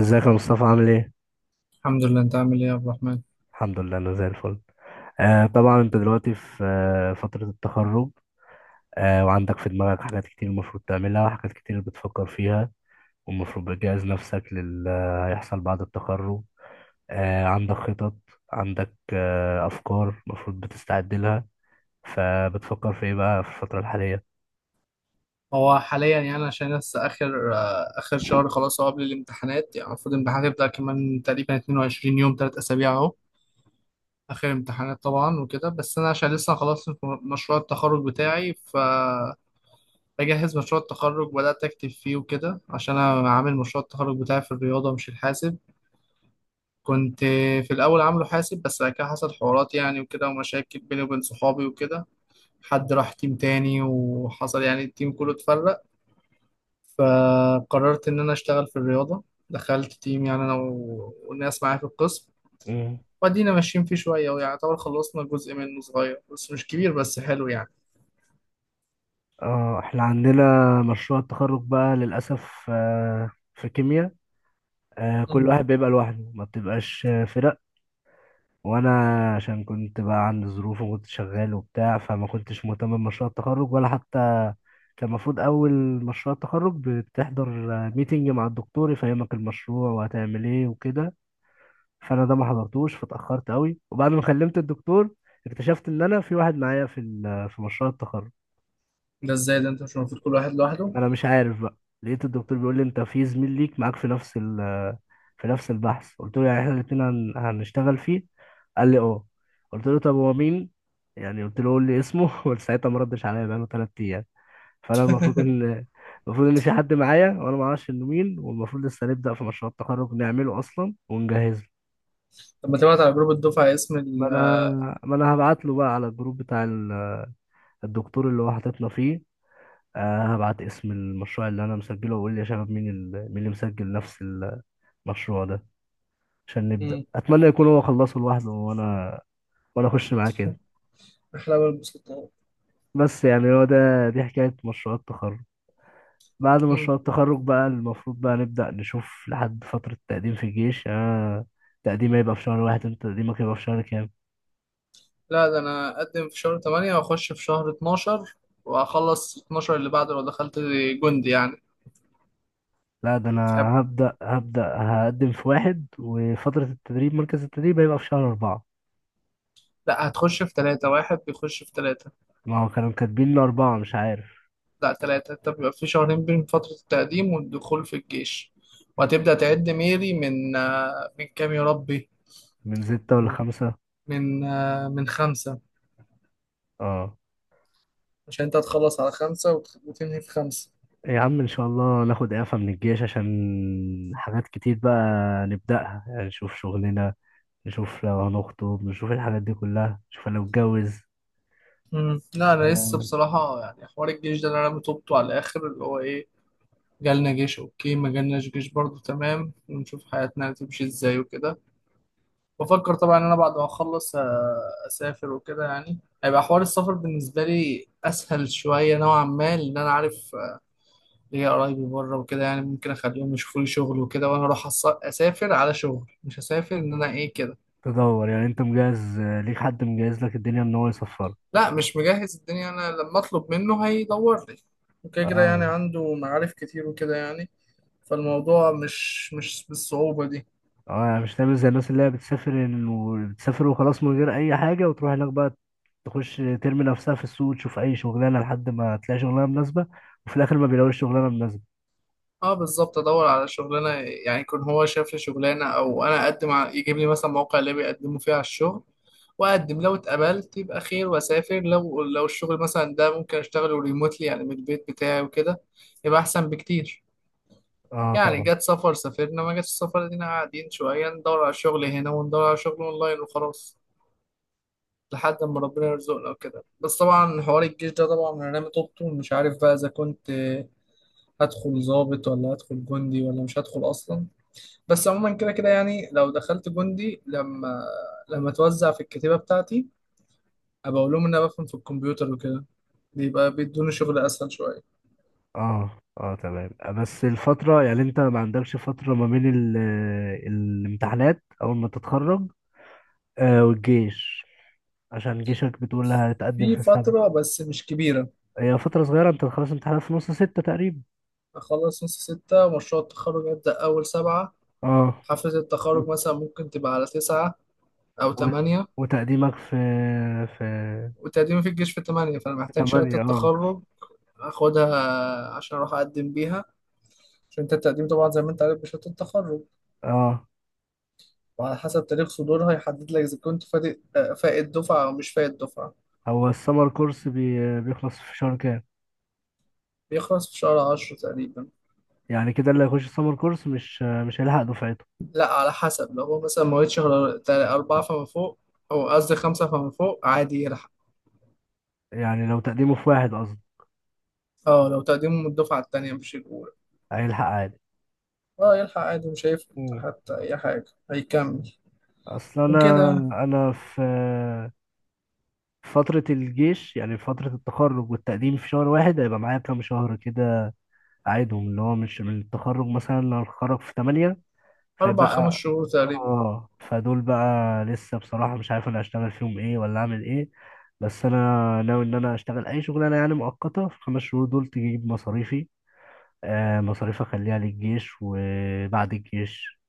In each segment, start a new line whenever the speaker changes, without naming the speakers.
ازيك يا مصطفى؟ عامل ايه؟
الحمد لله، انت عامل ايه يا عبد الرحمن؟
الحمد لله، انا زي الفل. طبعا انت دلوقتي في فترة التخرج، وعندك في دماغك حاجات كتير المفروض تعملها، وحاجات كتير بتفكر فيها، والمفروض بتجهز نفسك للي هيحصل بعد التخرج. عندك خطط، عندك افكار المفروض بتستعد لها. فبتفكر في ايه بقى في الفترة الحالية؟
هو حاليا يعني عشان لسه اخر اخر شهر خلاص. هو قبل الامتحانات يعني المفروض الامتحانات هيبدأ كمان تقريبا 22 يوم، 3 اسابيع اهو اخر امتحانات طبعا وكده. بس انا عشان لسه خلاص مشروع التخرج بتاعي بجهز مشروع التخرج، بدأت اكتب فيه وكده عشان انا عامل مشروع التخرج بتاعي في الرياضة مش الحاسب. كنت في الاول عامله حاسب بس بعد كده حصل حوارات يعني وكده ومشاكل بيني وبين صحابي وكده، حد راح تيم تاني وحصل يعني التيم كله اتفرق. فقررت ان انا اشتغل في الرياضه، دخلت تيم يعني انا والناس معايا في القسم.
مم.
وادينا ماشيين فيه شويه ويعتبر خلصنا جزء منه صغير بس مش كبير، بس حلو يعني.
اه، احنا عندنا مشروع التخرج بقى للأسف في كيمياء، كل
مم.
واحد بيبقى لوحده، ما بتبقاش فرق. وانا عشان كنت بقى عندي ظروف وكنت شغال وبتاع، فما كنتش مهتم بمشروع التخرج ولا حتى. كان المفروض اول مشروع التخرج بتحضر ميتنج مع الدكتور يفهمك المشروع وهتعمل ايه وكده، فانا ده ما حضرتوش، فاتاخرت قوي. وبعد ما كلمت الدكتور اكتشفت ان انا في واحد معايا في مشروع التخرج.
ده ازاي ده؟ انت مش المفروض كل واحد لوحده؟
انا مش عارف بقى، لقيت الدكتور بيقول لي انت في زميل ليك معاك في نفس ال في نفس البحث. قلت له يعني احنا الاتنين هنشتغل فيه؟ قال لي اه. قلت له طب هو مين يعني؟ قلت له قول لي اسمه وساعتها ما ردش عليا بقاله ثلاث ايام. فانا المفروض ان المفروض ان في حد معايا وانا ما اعرفش انه مين، والمفروض لسه نبدا في مشروع التخرج نعمله اصلا ونجهزه.
طب ما تبعت على جروب الدفعه اسم
ما انا ما انا هبعت له بقى على الجروب بتاع الدكتور اللي هو حاططنا فيه. هبعت اسم المشروع اللي انا مسجله واقول لي يا شباب، مين اللي مسجل نفس المشروع ده عشان نبدأ.
مم.
اتمنى يكون هو خلصه لوحده وانا اخش معاه كده.
احلى بقى البسطة.
بس يعني هو ده، دي حكاية مشروع التخرج. بعد
مم.
مشروع التخرج بقى المفروض بقى نبدأ نشوف لحد فترة التقديم في الجيش. آه، تقديمي يبقى في شهر واحد، انت تقديمك يبقى في شهر كام؟
لا ده انا اقدم في شهر 8 واخش في شهر 12، واخلص 12 اللي بعده لو دخلت جندي يعني.
لا ده انا
طب
هبدأ هبدأ هقدم في واحد، وفترة التدريب مركز التدريب هيبقى في شهر أربعة.
لا هتخش في 3، واحد بيخش في 3.
ما هو كانوا كاتبين لي أربعة، مش عارف.
لا ثلاثة. أنت بيبقى في شهرين بين فترة التقديم والدخول في الجيش. وهتبدأ تعد ميري من من كام يا ربي؟
من ستة ولا
من
خمسة؟
من من خمسة.
اه.
عشان أنت هتخلص على خمسة وتنهي في خمسة.
يا عم ان شاء الله ناخد اعفاء من الجيش، عشان حاجات كتير بقى نبدأها يعني. نشوف شغلنا، نشوف لو هنخطب، نشوف الحاجات دي كلها، نشوف لو اتجوز.
مم. لا أنا لسه
آه،
بصراحة يعني حوار الجيش ده اللي أنا بتوبته على الآخر، اللي هو إيه، جالنا جيش أوكي، ما جالناش جيش برضه تمام، ونشوف حياتنا هتمشي إزاي وكده. بفكر طبعا إن أنا بعد ما أخلص أسافر وكده، يعني هيبقى حوار السفر بالنسبة لي أسهل شوية نوعا ما، لأن أنا عارف ليا قرايبي بره وكده يعني، ممكن اخليهم يشوفوا لي شغل وكده وانا اروح اسافر على شغل، مش هسافر ان انا ايه كده.
تدور يعني، انت مجهز، ليك حد مجهز لك الدنيا ان هو يسفرك؟
لا مش مجهز الدنيا، انا لما اطلب منه هيدور لي وكده كده، يعني
اه.
عنده معارف كتير وكده يعني. فالموضوع مش بالصعوبة دي.
اه يعني مش تعمل زي الناس اللي هي بتسافر، بتسافر وخلاص من غير اي حاجة، وتروح هناك بقى تخش ترمي نفسها في السوق، تشوف اي شغلانة لحد ما تلاقي شغلانة مناسبة، وفي الاخر ما بيلاقوش شغلانة مناسبة.
اه بالظبط، ادور على شغلانه، يعني يكون هو شاف لي شغلانه او انا اقدم يجيب لي مثلا موقع اللي بيقدموا فيه على الشغل، واقدم لو اتقبلت يبقى خير واسافر. لو الشغل مثلا ده ممكن اشتغله ريموتلي يعني من البيت بتاعي وكده، يبقى احسن بكتير.
اه
يعني
طبعا.
جت سفر سافرنا، ما جاتش سفر دينا قاعدين شويه ندور على شغل هنا وندور على شغل اونلاين وخلاص، لحد ما ربنا يرزقنا وكده. بس طبعا حوار الجيش ده طبعا انا رامي طوبته، مش عارف بقى اذا كنت هدخل ضابط ولا هدخل جندي ولا مش هدخل اصلا. بس عموما كده كده يعني، لو دخلت جندي، لما اتوزع في الكتيبة بتاعتي، ابقى اقول لهم ان انا بفهم في الكمبيوتر وكده، بيبقى بيدوني شغل اسهل شوية.
اه، اه تمام. بس الفترة يعني انت ما عندكش فترة ما بين الامتحانات اول ما تتخرج والجيش، عشان جيشك بتقول هتقدم
في
في السنة.
فترة بس مش كبيرة.
هي فترة صغيرة، انت خلاص امتحانات في نص ستة تقريبا.
أخلص نص ستة ومشروع التخرج يبدأ أول سبعة.
اه.
حفلة
و...
التخرج مثلا ممكن تبقى على تسعة أو
و...
تمانية.
وتقديمك في في
وتقديمي في الجيش في تمانية، فأنا
في
محتاج شهادة
تمانية، اه.
التخرج أخدها عشان أروح أقدم بيها. عشان أنت التقديم طبعا زي ما أنت عارف بشهادة التخرج،
اه،
وعلى حسب تاريخ صدورها يحدد لك إذا كنت فائت دفعة أو مش فائت دفعة.
هو السمر كورس بيخلص في شهر كام؟
بيخلص في شهر عشرة تقريبا.
يعني كده اللي هيخش السمر كورس مش هيلحق دفعته.
لا على حسب، لو هو مثلا مواليد شهر أربعة فما فوق، أو قصدي خمسة فما فوق عادي يلحق.
يعني لو تقديمه في واحد قصدي
اه لو تقديمه من الدفعة التانية مش الأولى.
هيلحق
اه يلحق عادي مش هيفرق
عادي.
حتى أي حاجة، هيكمل
اصل
وكده
انا،
يعني.
انا في في فترة الجيش، يعني في فترة التخرج والتقديم في شهر واحد، هيبقى معايا كام شهر كده أعيدهم؟ اللي هو مش من التخرج، مثلا لو هتخرج في تمانية
أربع خمس
فيبقى.
شهور تقريبا.
اه، فدول بقى لسه بصراحة مش عارف انا هشتغل فيهم ايه ولا اعمل ايه. بس انا ناوي ان انا اشتغل اي شغلانة يعني مؤقتة في الخمس شهور دول تجيب مصاريفي، مصاريف اخليها للجيش وبعد الجيش.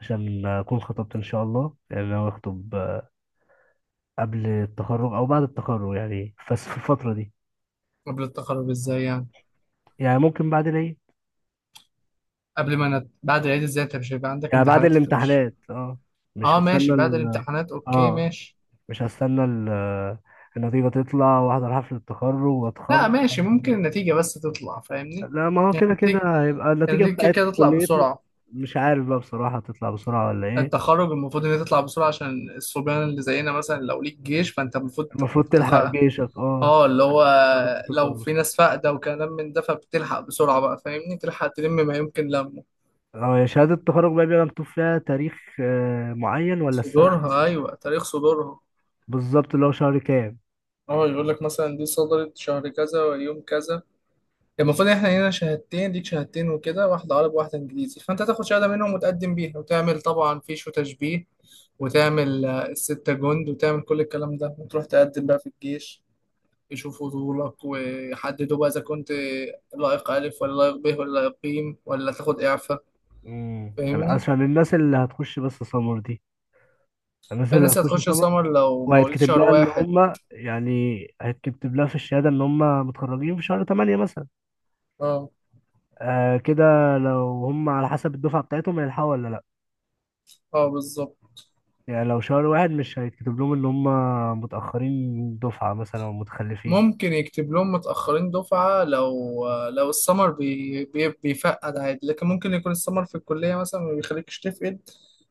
عشان اكون خطبت ان شاء الله، يعني انا هخطب قبل التخرج او بعد التخرج يعني، بس في الفتره دي.
قبل التخرج ازاي يعني؟
يعني ممكن بعد العيد.
قبل ما نت... بعد العيد ازاي؟ انت مش هيبقى عندك
يعني بعد
امتحانات؟ انت مش...
الامتحانات اه. مش
اه ماشي،
هستنى
بعد
ال
الامتحانات اوكي
اه
ماشي.
مش هستنى ال النتيجه تطلع واحضر حفله التخرج واتخرج
لا ماشي،
وبعد
ممكن
كده.
النتيجة بس تطلع فاهمني؟
لا، ما هو
يعني
كده كده
النتيجة،
هيبقى
يعني
النتيجه
النتيجة كده
بتاعت
كده تطلع
كليتنا.
بسرعة.
مش عارف بقى بصراحه تطلع بسرعه ولا ايه.
التخرج المفروض ان هي تطلع بسرعة عشان الصبيان اللي زينا مثلا، لو ليك جيش فانت المفروض
المفروض
تخ...
تلحق جيشك اه.
اه اللي
بتاعت
هو
التخرج
لو
بتخلص
في
بسرعه.
ناس فاقدة وكلام من ده فبتلحق بسرعة بقى، فاهمني، تلحق تلم ما يمكن لمه.
اه، يا شهاده التخرج بقى بيبقى مكتوب فيها تاريخ معين ولا السنه
صدورها،
بس؟
ايوه تاريخ صدورها.
بالظبط، اللي هو شهر كام.
اه يقول لك مثلا دي صدرت شهر كذا ويوم كذا. المفروض احنا هنا شهادتين، ليك شهادتين وكده، واحدة عربي وواحدة انجليزي، فانت تاخد شهادة منهم وتقدم بيها وتعمل طبعا فيش وتشبيه، وتعمل الستة جند، وتعمل كل الكلام ده وتروح تقدم بقى في الجيش، يشوفوا طولك ويحددوا بقى اذا كنت لائق الف ولا لائق ب ولا لائق ب ولا تاخد اعفاء.
مم.
فاهمني.
عشان الناس اللي هتخش بس سمر دي، الناس اللي
الناس
هتخش
هتخش
سمر،
سمر لو مواليد
وهيتكتب
شهر
لها ان
واحد.
هم يعني، هيتكتب لها في الشهاده ان هم متخرجين في شهر 8 مثلا.
اه.
كده لو هم على حسب الدفعه بتاعتهم هيلحقوا ولا لا؟
اه بالظبط.
يعني لو شهر واحد مش هيتكتب لهم ان هم متاخرين دفعه مثلا او متخلفين؟
ممكن يكتب لهم متأخرين دفعة، لو السمر بي بيفقد عادي، لكن ممكن يكون السمر في الكلية مثلا ما بيخليكش تفقد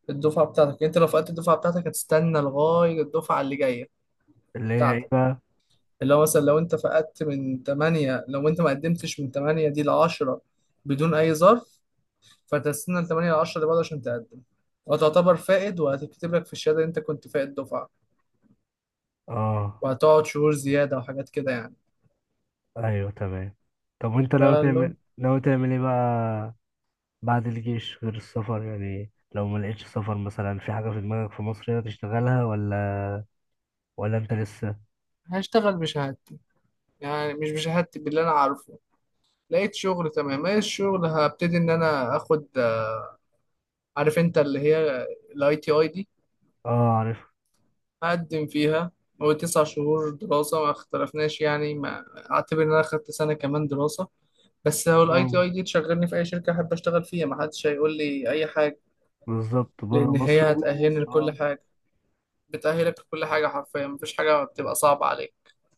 الدفعة بتاعتك. يعني انت لو فقدت الدفعة بتاعتك هتستنى لغاية الدفعة اللي جاية
اللي هي ايه
بتاعتك.
بقى؟
اللي هو مثلا لو انت فقدت من 8، لو انت ما قدمتش من 8 دي ل 10 بدون اي ظرف، فتستنى ل 8 ل 10 اللي بعده عشان تقدم، وتعتبر فائد وهتكتب لك في الشهادة ان انت كنت فائد دفعة،
اه،
وهتقعد شهور زيادة وحاجات كده يعني.
ايوه تمام. طب وانت ناوي
فقال له
تعمل، ايه بقى بعد الجيش غير السفر؟ يعني لو ما لقيتش سفر مثلا، في حاجة في دماغك في مصر هنا تشتغلها، ولا ولا انت لسه؟
هشتغل بشهادتي، يعني مش بشهادتي، باللي انا عارفه. لقيت شغل تمام، ايه الشغل؟ هبتدي ان انا اخد، عارف انت اللي هي IT ID،
اه عارف.
هقدم فيها. هو تسع شهور دراسة، ما اختلفناش يعني، ما اعتبر ان انا اخدت سنة كمان دراسة. بس هو الاي
اه
تي اي دي تشغلني في اي شركة احب اشتغل فيها، ما حدش هيقول لي اي حاجة،
بالظبط، بره
لان
مصر
هي
وجوه
هتأهلني
مصر.
لكل
اه
حاجة، بتأهلك لكل حاجة حرفيا، مفيش حاجة بتبقى صعبة عليك.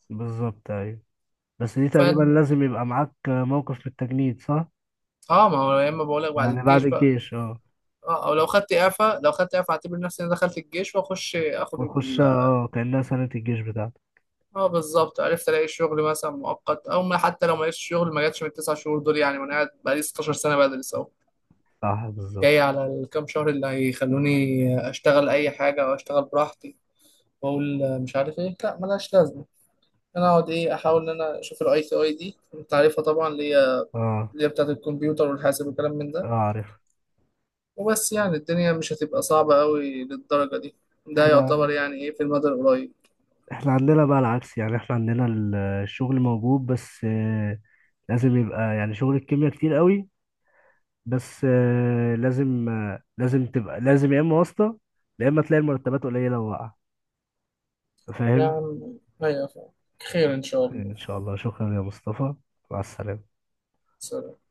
بالظبط ايوه. بس دي
ف
تقريبا لازم يبقى معاك موقف في التجنيد، صح؟
اه ما هو يا اما بقولك بعد
يعني بعد
الجيش بقى،
الجيش اه.
اه او لو خدت اعفاء، لو خدت اعفاء اعتبر نفسي انا دخلت الجيش، واخش اخد
وتخش
اه
اه كأنها سنة الجيش بتاعتك.
بالظبط، عرفت الاقي شغل مثلا مؤقت او ما، حتى لو ما لقيتش شغل ما جاتش من التسع شهور دول يعني، وانا قاعد بقالي 16 سنه بدرس اهو،
صح بالظبط.
جاي على الكام شهر اللي هيخلوني اشتغل اي حاجه او اشتغل براحتي، واقول مش عارف ايه، لا ملهاش لازمه، انا اقعد ايه، احاول ان انا اشوف IT ID. انت عارفها طبعا، اللي هي
اه.
اللي هي بتاعت الكمبيوتر والحاسب والكلام من
اه
ده.
عارف.
وبس يعني الدنيا مش هتبقى صعبه قوي للدرجه دي، ده
احنا
يعتبر يعني ايه في المدى القريب.
احنا عندنا بقى العكس. يعني احنا عندنا الشغل موجود، بس لازم يبقى يعني، شغل الكيمياء كتير قوي، بس لازم تبقى لازم يا اما واسطة، يا اما تلاقي المرتبات قليلة وواقعة.
يا
فاهم؟
عم أيوة فعلا، خير إن شاء الله.
ان شاء الله. شكرا يا مصطفى، مع السلامة.
سلام.